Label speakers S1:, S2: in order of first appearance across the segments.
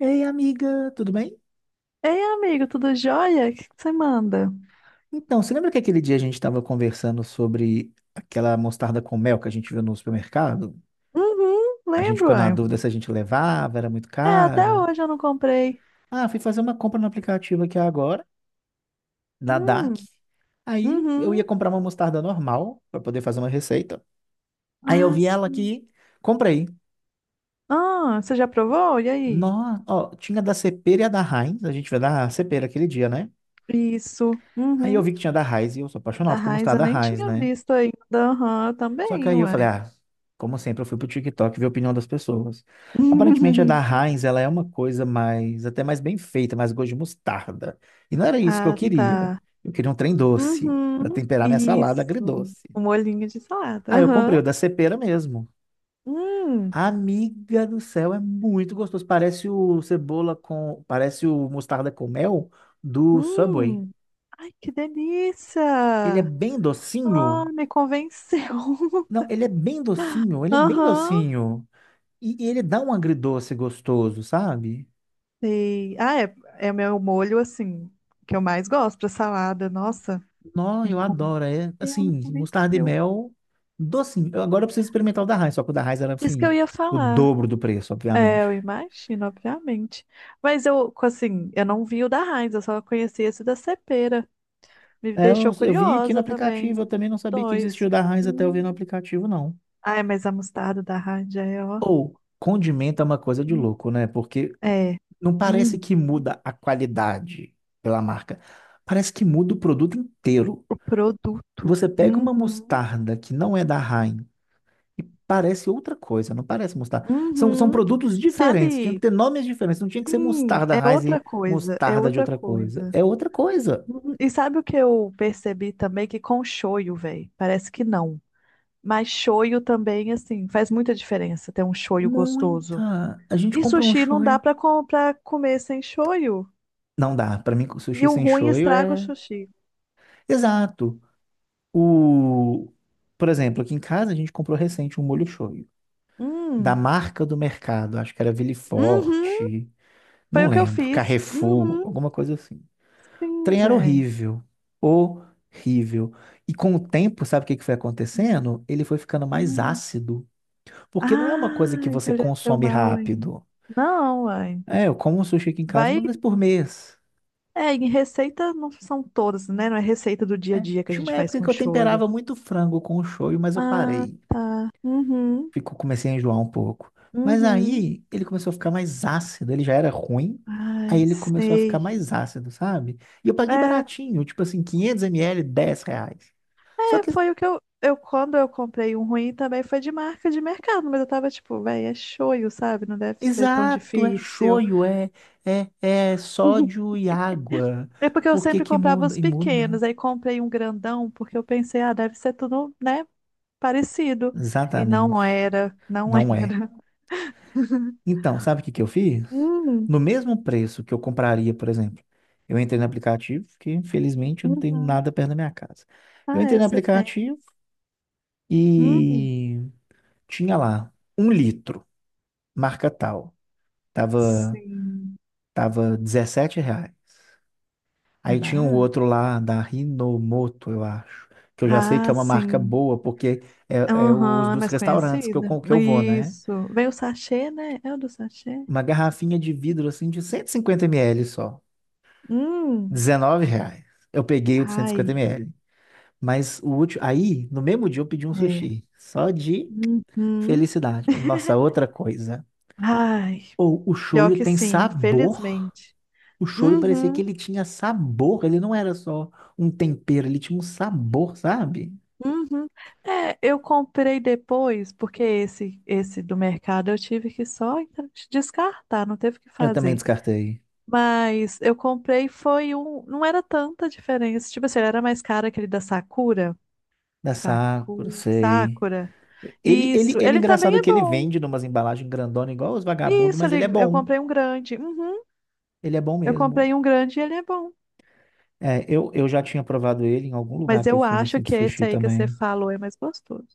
S1: Ei, amiga, tudo bem?
S2: Ei, amigo, tudo jóia? O que que você manda?
S1: Então, você lembra que aquele dia a gente estava conversando sobre aquela mostarda com mel que a gente viu no supermercado?
S2: Uhum,
S1: A gente
S2: lembro,
S1: ficou na
S2: uai.
S1: dúvida se a gente levava, era muito
S2: É, até
S1: cara.
S2: hoje eu não comprei.
S1: Ah, fui fazer uma compra no aplicativo aqui agora, na DAC.
S2: Hum,
S1: Aí eu ia
S2: uhum.
S1: comprar uma mostarda normal para poder fazer uma receita. Aí eu
S2: Ah,
S1: vi ela
S2: sim.
S1: aqui, comprei.
S2: Ah, você já provou? E aí?
S1: Nossa, ó, tinha da Cepera e a da Heinz, a gente viu da Cepera aquele dia, né?
S2: Isso.
S1: Aí eu vi
S2: Uhum.
S1: que tinha da Heinz e eu sou
S2: Da
S1: apaixonado com
S2: Heinz eu
S1: mostarda
S2: nem
S1: Heinz,
S2: tinha
S1: né?
S2: visto ainda. Aham,
S1: Só que
S2: também,
S1: aí eu falei,
S2: uai.
S1: ah, como sempre, eu fui pro TikTok ver a opinião das pessoas. Aparentemente a da Heinz, ela é uma coisa mais, até mais bem feita, mais gosto de mostarda. E não era isso que eu
S2: Ah,
S1: queria.
S2: tá.
S1: Eu queria um trem doce, para
S2: Uhum.
S1: temperar minha salada
S2: Isso.
S1: agridoce.
S2: Um molhinho de salada.
S1: Aí eu comprei
S2: Aham.
S1: o da Cepera mesmo.
S2: Hum.
S1: Amiga do céu, é muito gostoso. Parece o mostarda com mel do Subway.
S2: Hum. Ai, que
S1: Ele é
S2: delícia!
S1: bem
S2: Ah,
S1: docinho.
S2: me convenceu.
S1: Não, ele é bem docinho, ele é bem
S2: Aham,
S1: docinho. E ele dá um agridoce gostoso, sabe?
S2: sei. Ah, é, é o meu molho, assim, que eu mais gosto pra salada. Nossa,
S1: Não,
S2: me
S1: eu adoro. É
S2: convenceu, me
S1: assim, mostarda e
S2: convenceu.
S1: mel, docinho. Agora eu preciso experimentar o da Heinz, só que o da Heinz era
S2: Isso que eu
S1: assim,
S2: ia
S1: o
S2: falar.
S1: dobro do preço,
S2: É,
S1: obviamente.
S2: eu imagino, obviamente. Mas eu, assim, eu não vi o da Heinz, eu só conheci esse da Cepera. Me
S1: É, eu,
S2: deixou
S1: eu vi aqui no
S2: curiosa
S1: aplicativo, eu
S2: também.
S1: também não sabia que existia
S2: Dois.
S1: o da Heinz até eu ver no
S2: Hum.
S1: aplicativo, não.
S2: Ai, mas a mostarda da Heinz já é, ó.
S1: Ou, condimento é uma coisa de
S2: Hum.
S1: louco, né? Porque
S2: É.
S1: não parece que
S2: Uhum.
S1: muda a qualidade pela marca. Parece que muda o produto inteiro.
S2: O produto.
S1: Você pega uma
S2: Uhum.
S1: mostarda que não é da Heinz e parece outra coisa, não parece mostarda. São
S2: Uhum.
S1: produtos diferentes, tinham que
S2: Sabe.
S1: ter nomes diferentes, não tinha que ser
S2: Sim,
S1: mostarda
S2: é
S1: Heinz
S2: outra
S1: e
S2: coisa, é
S1: mostarda de
S2: outra
S1: outra coisa.
S2: coisa.
S1: É outra coisa.
S2: Uhum. E sabe o que eu percebi também? Que com shoyu, velho, parece que não. Mas shoyu também, assim, faz muita diferença ter um shoyu gostoso.
S1: Muita. A gente
S2: E
S1: comprou um
S2: sushi não dá
S1: shoyu.
S2: pra, pra comer sem shoyu.
S1: Não dá, pra mim
S2: E
S1: sushi
S2: o
S1: sem
S2: ruim
S1: shoyu
S2: estraga o
S1: é
S2: sushi.
S1: exato. O por exemplo, aqui em casa a gente comprou recente um molho shoyu da
S2: Hum,
S1: marca do mercado, acho que era Ville
S2: uhum,
S1: Forte,
S2: foi
S1: não
S2: o que eu
S1: lembro,
S2: fiz.
S1: Carrefour,
S2: Uhum,
S1: alguma coisa assim.
S2: sim,
S1: Trem era
S2: velho.
S1: horrível. Horrível. E com o tempo, sabe o que que foi acontecendo? Ele foi ficando mais
S2: Hum.
S1: ácido. Porque não é uma coisa que
S2: Ai,
S1: você
S2: envelheceu
S1: consome
S2: mal, hein?
S1: rápido.
S2: Não, uai.
S1: É, eu como sushi aqui em casa
S2: Vai.
S1: uma vez por mês.
S2: É, em receita não são todas, né? Não é receita do dia a dia que a
S1: Tinha uma
S2: gente faz
S1: época que
S2: com
S1: eu
S2: shoyu.
S1: temperava muito frango com o shoyu, mas eu
S2: Ah,
S1: parei.
S2: tá. Uhum,
S1: Fico, comecei a enjoar um pouco. Mas
S2: uhum.
S1: aí ele começou a ficar mais ácido. Ele já era ruim. Aí
S2: Ai,
S1: ele começou a ficar
S2: sei.
S1: mais ácido, sabe? E eu
S2: É,
S1: paguei
S2: é,
S1: baratinho, tipo assim, 500 ml, R$ 10. Só que
S2: foi o que eu... Quando eu comprei um ruim também foi de marca de mercado, mas eu tava tipo, véi, é shoyu, sabe? Não deve ser tão
S1: exato, é
S2: difícil.
S1: shoyu, é, é sódio e água.
S2: É porque eu
S1: Por que
S2: sempre
S1: que
S2: comprava
S1: muda?
S2: os
S1: E muda?
S2: pequenos, aí comprei um grandão porque eu pensei, ah, deve ser tudo, né, parecido. E
S1: Exatamente.
S2: não era, não
S1: Não é.
S2: era.
S1: Então, sabe o que que eu fiz?
S2: Hum,
S1: No mesmo preço que eu compraria, por exemplo, eu entrei no aplicativo, que infelizmente eu não tenho
S2: uhum.
S1: nada perto da minha casa. Eu
S2: Ah,
S1: entrei
S2: é,
S1: no
S2: você tem.
S1: aplicativo
S2: Hum,
S1: e tinha lá um litro, marca tal. Tava,
S2: sim.
S1: tava R$ reais.
S2: É
S1: Aí tinha um
S2: barato?
S1: outro lá da Rinomoto, eu acho, que eu já sei que é
S2: Ah,
S1: uma marca
S2: sim.
S1: boa, porque é, é os
S2: Aham, é
S1: dos
S2: mais
S1: restaurantes que
S2: conhecida.
S1: que eu vou, né?
S2: Isso. Vem o sachê, né? É o do sachê?
S1: Uma garrafinha de vidro assim de 150 ml só,
S2: Hum.
S1: R$ 19. Eu peguei o de 150
S2: Ai,
S1: ml. Mas o último, aí no mesmo dia eu pedi um
S2: é.
S1: sushi, só de
S2: Uhum.
S1: felicidade. Nossa, outra coisa.
S2: Ai,
S1: Ou o
S2: pior
S1: shoyu
S2: que
S1: tem
S2: sim,
S1: sabor.
S2: felizmente.
S1: O shoyu parecia
S2: Uhum,
S1: que ele tinha sabor, ele não era só um tempero, ele tinha um sabor, sabe?
S2: uhum. É, eu comprei depois, porque esse do mercado eu tive que só então descartar, não teve o que
S1: Eu também
S2: fazer.
S1: descartei.
S2: Mas eu comprei foi um. Não era tanta diferença. Tipo assim, ele era mais caro aquele da Sakura.
S1: Da Sakura, sei.
S2: Sakura.
S1: Ele, ele,
S2: Isso.
S1: ele,
S2: Ele também
S1: engraçado
S2: é
S1: que ele
S2: bom.
S1: vende numas embalagens grandona igual os vagabundos,
S2: Isso,
S1: mas ele é
S2: eu
S1: bom.
S2: comprei um grande. Uhum.
S1: Ele é bom
S2: Eu
S1: mesmo.
S2: comprei um grande e ele é bom.
S1: É, eu já tinha provado ele em algum lugar
S2: Mas
S1: que eu
S2: eu
S1: fui
S2: acho
S1: assim, de
S2: que esse
S1: sushi
S2: aí que você
S1: também.
S2: falou é mais gostoso.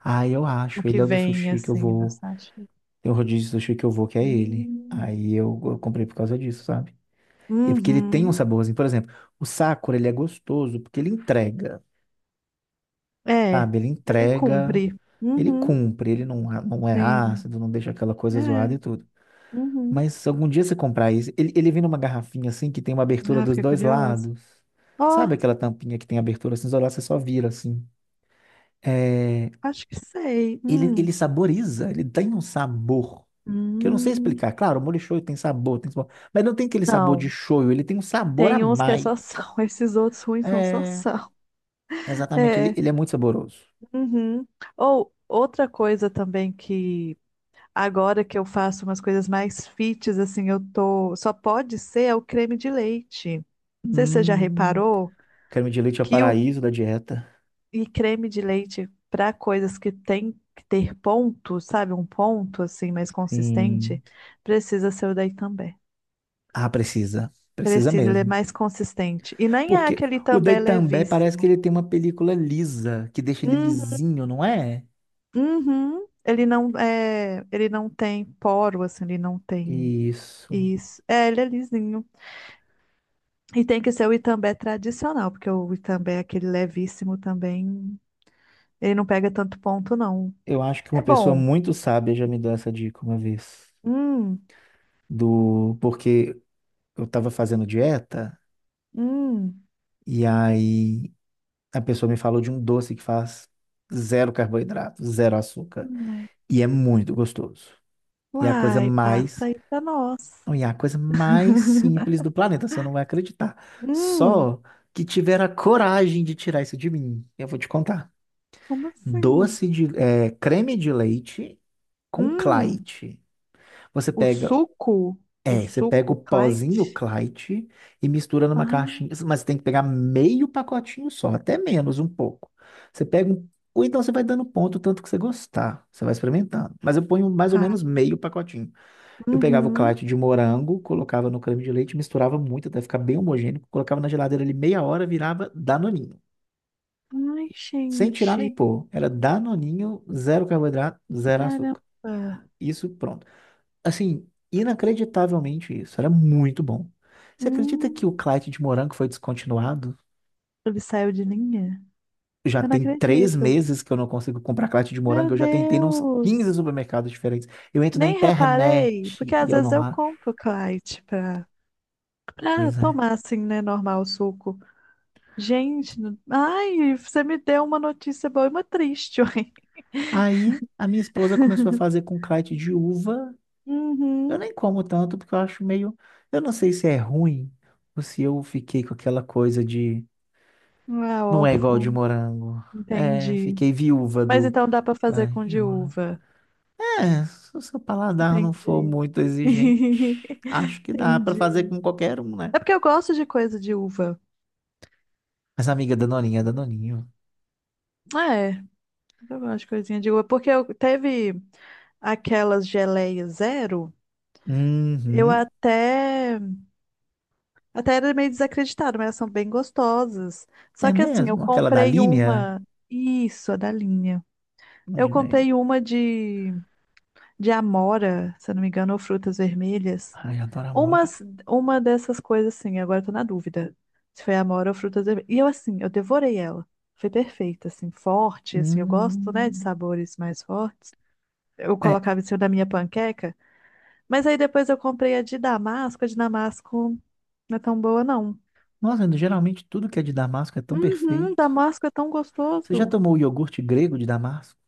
S1: Ah, eu
S2: O
S1: acho. Ele
S2: que
S1: é o do
S2: vem
S1: sushi que eu
S2: assim na
S1: vou.
S2: sachê.
S1: Tem um rodízio de sushi que eu vou, que é ele.
S2: Hum.
S1: Aí eu comprei por causa disso, sabe? E porque ele tem um
S2: Uhum.
S1: saborzinho. Por exemplo, o Sakura, ele é gostoso porque ele entrega,
S2: É.
S1: sabe? Ele
S2: Ele
S1: entrega,
S2: cumpre.
S1: ele
S2: Uhum.
S1: cumpre, ele não, não é
S2: Sim.
S1: ácido, não deixa aquela coisa zoada
S2: É.
S1: e tudo.
S2: Uhum.
S1: Mas algum dia você comprar isso, ele vem numa garrafinha assim que tem uma abertura
S2: Ah,
S1: dos
S2: fiquei
S1: dois
S2: curiosa.
S1: lados.
S2: Ó,
S1: Sabe aquela tampinha que tem abertura assim, isolar, você só vira assim. É,
S2: acho que sei.
S1: ele
S2: Hum.
S1: saboriza, ele tem um sabor. Que eu não sei
S2: Hum,
S1: explicar. Claro, o molho shoyu tem sabor, tem sabor. Mas não tem aquele sabor de
S2: não.
S1: shoyu, ele tem um sabor a
S2: Tem uns que é
S1: mais.
S2: só sal, esses outros ruins são só
S1: É,
S2: sal.
S1: exatamente, ele,
S2: É.
S1: ele é muito saboroso.
S2: Uhum. Ou outra coisa também que agora que eu faço umas coisas mais fits, assim, eu tô. Só pode ser é o creme de leite. Não sei se você já
S1: Hum,
S2: reparou
S1: creme de leite é o
S2: que o
S1: paraíso da dieta.
S2: e creme de leite para coisas que tem que ter ponto, sabe? Um ponto assim mais
S1: Sim.
S2: consistente, precisa ser o daí também.
S1: Ah, precisa. Precisa
S2: Precisa, ele é
S1: mesmo.
S2: mais consistente. E nem é
S1: Porque
S2: aquele
S1: o Dei
S2: também
S1: também parece que
S2: levíssimo.
S1: ele tem uma película lisa, que deixa ele
S2: Uhum,
S1: lisinho, não é?
S2: uhum. Ele não tem poro, assim, ele não tem
S1: Isso.
S2: isso. É, ele é lisinho. E tem que ser o Itambé tradicional, porque o Itambé é aquele levíssimo também, ele não pega tanto ponto, não.
S1: Eu acho que uma
S2: É
S1: pessoa
S2: bom.
S1: muito sábia já me deu essa dica uma vez.
S2: Hum,
S1: Do porque eu tava fazendo dieta
S2: hum.
S1: e aí a pessoa me falou de um doce que faz zero carboidrato, zero açúcar
S2: Ai.
S1: e é muito gostoso. E é a coisa
S2: Uai, passa
S1: mais,
S2: aí pra nós.
S1: não, e é a coisa mais simples do planeta, você não vai acreditar.
S2: Hum,
S1: Só que tiveram a coragem de tirar isso de mim. Eu vou te contar.
S2: como assim?
S1: Doce de, é, creme de leite com
S2: Hum,
S1: Clyde. Você
S2: o
S1: pega,
S2: suco, o
S1: é, você pega o
S2: suco,
S1: pozinho
S2: Clyde.
S1: Clyde e mistura numa
S2: Ah,
S1: caixinha, mas você tem que pegar meio pacotinho só, até menos um pouco. Você pega um, ou então você vai dando ponto o tanto que você gostar, você vai experimentando. Mas eu ponho mais ou
S2: tá.
S1: menos meio pacotinho. Eu pegava o
S2: Uhum.
S1: Clyde de morango, colocava no creme de leite, misturava muito até ficar bem homogêneo, colocava na geladeira ali meia hora, virava danoninho.
S2: Ai,
S1: Sem tirar
S2: gente.
S1: nem pôr. Era danoninho, zero carboidrato, zero
S2: Caramba.
S1: açúcar. Isso, pronto. Assim, inacreditavelmente isso. Era muito bom. Você acredita que o
S2: Hum,
S1: Clyde de morango foi descontinuado?
S2: ele saiu de linha?
S1: Já
S2: Eu não
S1: tem três
S2: acredito.
S1: meses que eu não consigo comprar Clyde de
S2: Meu
S1: morango. Eu já tentei nos
S2: Deus.
S1: 15 supermercados diferentes. Eu entro na
S2: Nem
S1: internet
S2: reparei, porque
S1: e
S2: às
S1: eu
S2: vezes
S1: não
S2: eu
S1: acho.
S2: compro Clyde pra
S1: Pois é.
S2: tomar assim, né, normal o suco. Gente, ai, você me deu uma notícia boa e uma triste, ué.
S1: Aí a minha esposa começou a fazer com Clyde de uva. Eu
S2: Uhum.
S1: nem como tanto porque eu acho meio. Eu não sei se é ruim ou se eu fiquei com aquela coisa de.
S2: Ah,
S1: Não é igual de
S2: órfão.
S1: morango. É,
S2: Entendi.
S1: fiquei viúva
S2: Mas
S1: do.
S2: então dá pra fazer
S1: Clyde
S2: com
S1: de
S2: de
S1: morango.
S2: uva.
S1: É, se o seu paladar não for
S2: Entendi.
S1: muito exigente, acho que dá pra fazer
S2: Entendi.
S1: com qualquer um,
S2: É
S1: né?
S2: porque eu gosto de coisa de uva.
S1: Mas amiga Danoninha, Danoninho.
S2: É, eu gosto de coisinha de uva. Porque eu teve aquelas geleias zero, eu
S1: Uhum,
S2: até era meio desacreditada, mas elas são bem gostosas. Só
S1: é
S2: que assim, eu
S1: mesmo? Aquela da
S2: comprei
S1: linha?
S2: uma. Isso, a da linha. Eu
S1: Imaginei.
S2: comprei uma de amora, se eu não me engano, ou frutas vermelhas.
S1: Ai, adoro Amora.
S2: Umas, uma dessas coisas, assim, agora eu tô na dúvida. Se foi amora ou frutas vermelhas. E eu, assim, eu devorei ela. Foi perfeita, assim, forte, assim, eu gosto, né, de
S1: Hum,
S2: sabores mais fortes. Eu
S1: é.
S2: colocava em cima da minha panqueca, mas aí depois eu comprei a de damasco. A de damasco não é tão boa, não.
S1: Nossa, geralmente tudo que é de Damasco é tão
S2: Uhum,
S1: perfeito.
S2: damasco é tão
S1: Você já
S2: gostoso.
S1: tomou o iogurte grego de Damasco?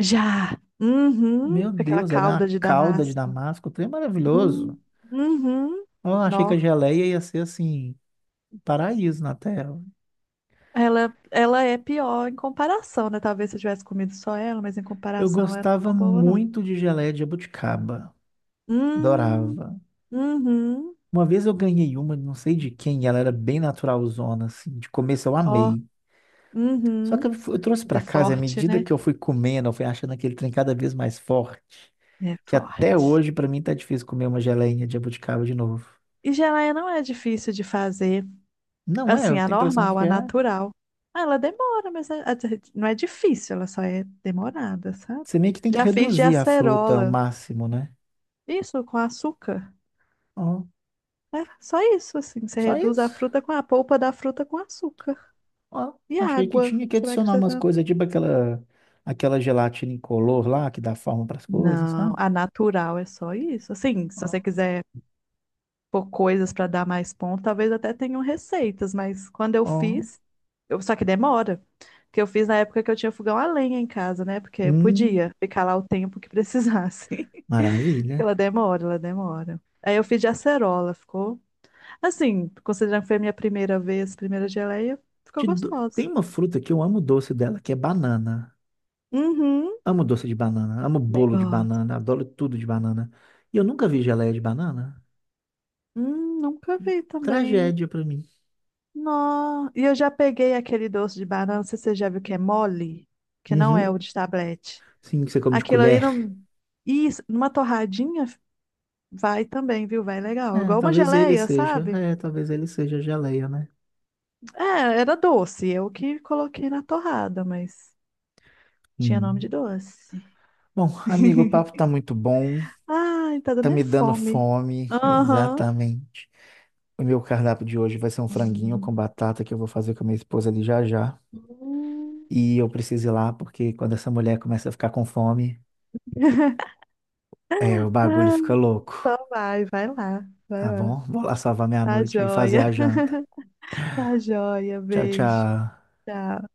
S2: Já. Uhum,
S1: Meu
S2: com aquela
S1: Deus, é
S2: calda
S1: uma
S2: de
S1: calda de
S2: damasco.
S1: Damasco, o trem é maravilhoso.
S2: Hum. Uhum.
S1: Eu achei que
S2: Nó.
S1: a geleia ia ser assim, um paraíso na Terra.
S2: Ela é pior em comparação, né? Talvez se eu tivesse comido só ela, mas em
S1: Eu
S2: comparação ela não é
S1: gostava
S2: tão boa, não.
S1: muito de geleia de jabuticaba.
S2: Hum,
S1: Adorava.
S2: uhum,
S1: Uma vez eu ganhei uma, não sei de quem, e ela era bem naturalzona, assim. De começo eu
S2: ó,
S1: amei. Só que
S2: uhum.
S1: eu trouxe
S2: É
S1: pra casa, e à
S2: forte,
S1: medida
S2: né?
S1: que eu fui comendo, eu fui achando aquele trem cada vez mais forte.
S2: É
S1: Que até
S2: forte.
S1: hoje, pra mim, tá difícil comer uma geleinha de jabuticaba de novo.
S2: E geleia não é difícil de fazer.
S1: Não é,
S2: Assim,
S1: eu
S2: a
S1: tenho a impressão
S2: normal,
S1: que
S2: a
S1: é.
S2: natural. Ah, ela demora, mas não é difícil, ela só é demorada, sabe?
S1: Você meio que tem que
S2: Já fiz de
S1: reduzir a fruta ao
S2: acerola.
S1: máximo, né?
S2: Isso, com açúcar.
S1: Ó,
S2: É só isso, assim. Você
S1: só
S2: reduz a
S1: isso.
S2: fruta com a polpa da fruta com açúcar.
S1: Ó,
S2: E
S1: achei que
S2: água.
S1: tinha que
S2: Você vai
S1: adicionar umas
S2: acrescentando.
S1: coisas, tipo aquela, aquela gelatina incolor lá, que dá forma para as coisas,
S2: Não,
S1: sabe?
S2: a natural é só isso. Assim, se
S1: Ó,
S2: você quiser pôr coisas para dar mais ponto, talvez até tenham receitas, mas quando eu
S1: ó.
S2: fiz, só que demora. Que eu fiz na época que eu tinha fogão a lenha em casa, né? Porque eu
S1: Hum,
S2: podia ficar lá o tempo que precisasse. Porque
S1: maravilha.
S2: ela demora, ela demora. Aí eu fiz de acerola, ficou assim, considerando que foi a minha primeira vez, primeira geleia, ficou
S1: Tem
S2: gostoso.
S1: uma fruta que eu amo o doce dela, que é banana.
S2: Uhum,
S1: Amo doce de banana, amo
S2: bem
S1: bolo de
S2: gosto.
S1: banana, adoro tudo de banana. E eu nunca vi geleia de banana.
S2: Nunca vi também.
S1: Tragédia pra mim.
S2: Não. E eu já peguei aquele doce de banana, não sei se você já viu que é mole, que não é
S1: Uhum.
S2: o de tablete.
S1: Sim, que você come de
S2: Aquilo ali
S1: colher.
S2: não. Isso, numa torradinha vai também, viu? Vai legal.
S1: É,
S2: Igual uma
S1: talvez ele
S2: geleia,
S1: seja.
S2: sabe?
S1: É, talvez ele seja geleia, né?
S2: É, era doce. Eu que coloquei na torrada, mas tinha nome
S1: Hum.
S2: de doce.
S1: Bom, amigo, o papo tá muito bom.
S2: Ai, tá
S1: Tá
S2: dando é
S1: me dando
S2: fome.
S1: fome,
S2: Aham.
S1: exatamente. O meu cardápio de hoje vai ser um franguinho com batata que eu vou fazer com a minha esposa ali já já.
S2: Hum.
S1: E eu preciso ir lá porque quando essa mulher começa a ficar com fome, é, o bagulho
S2: Ah,
S1: fica louco,
S2: Então vai, vai lá, vai
S1: tá
S2: lá.
S1: bom? Vou lá salvar minha
S2: Tá
S1: noite e fazer
S2: joia.
S1: a janta.
S2: Tá joia,
S1: Tchau,
S2: beijo.
S1: tchau.
S2: Tchau.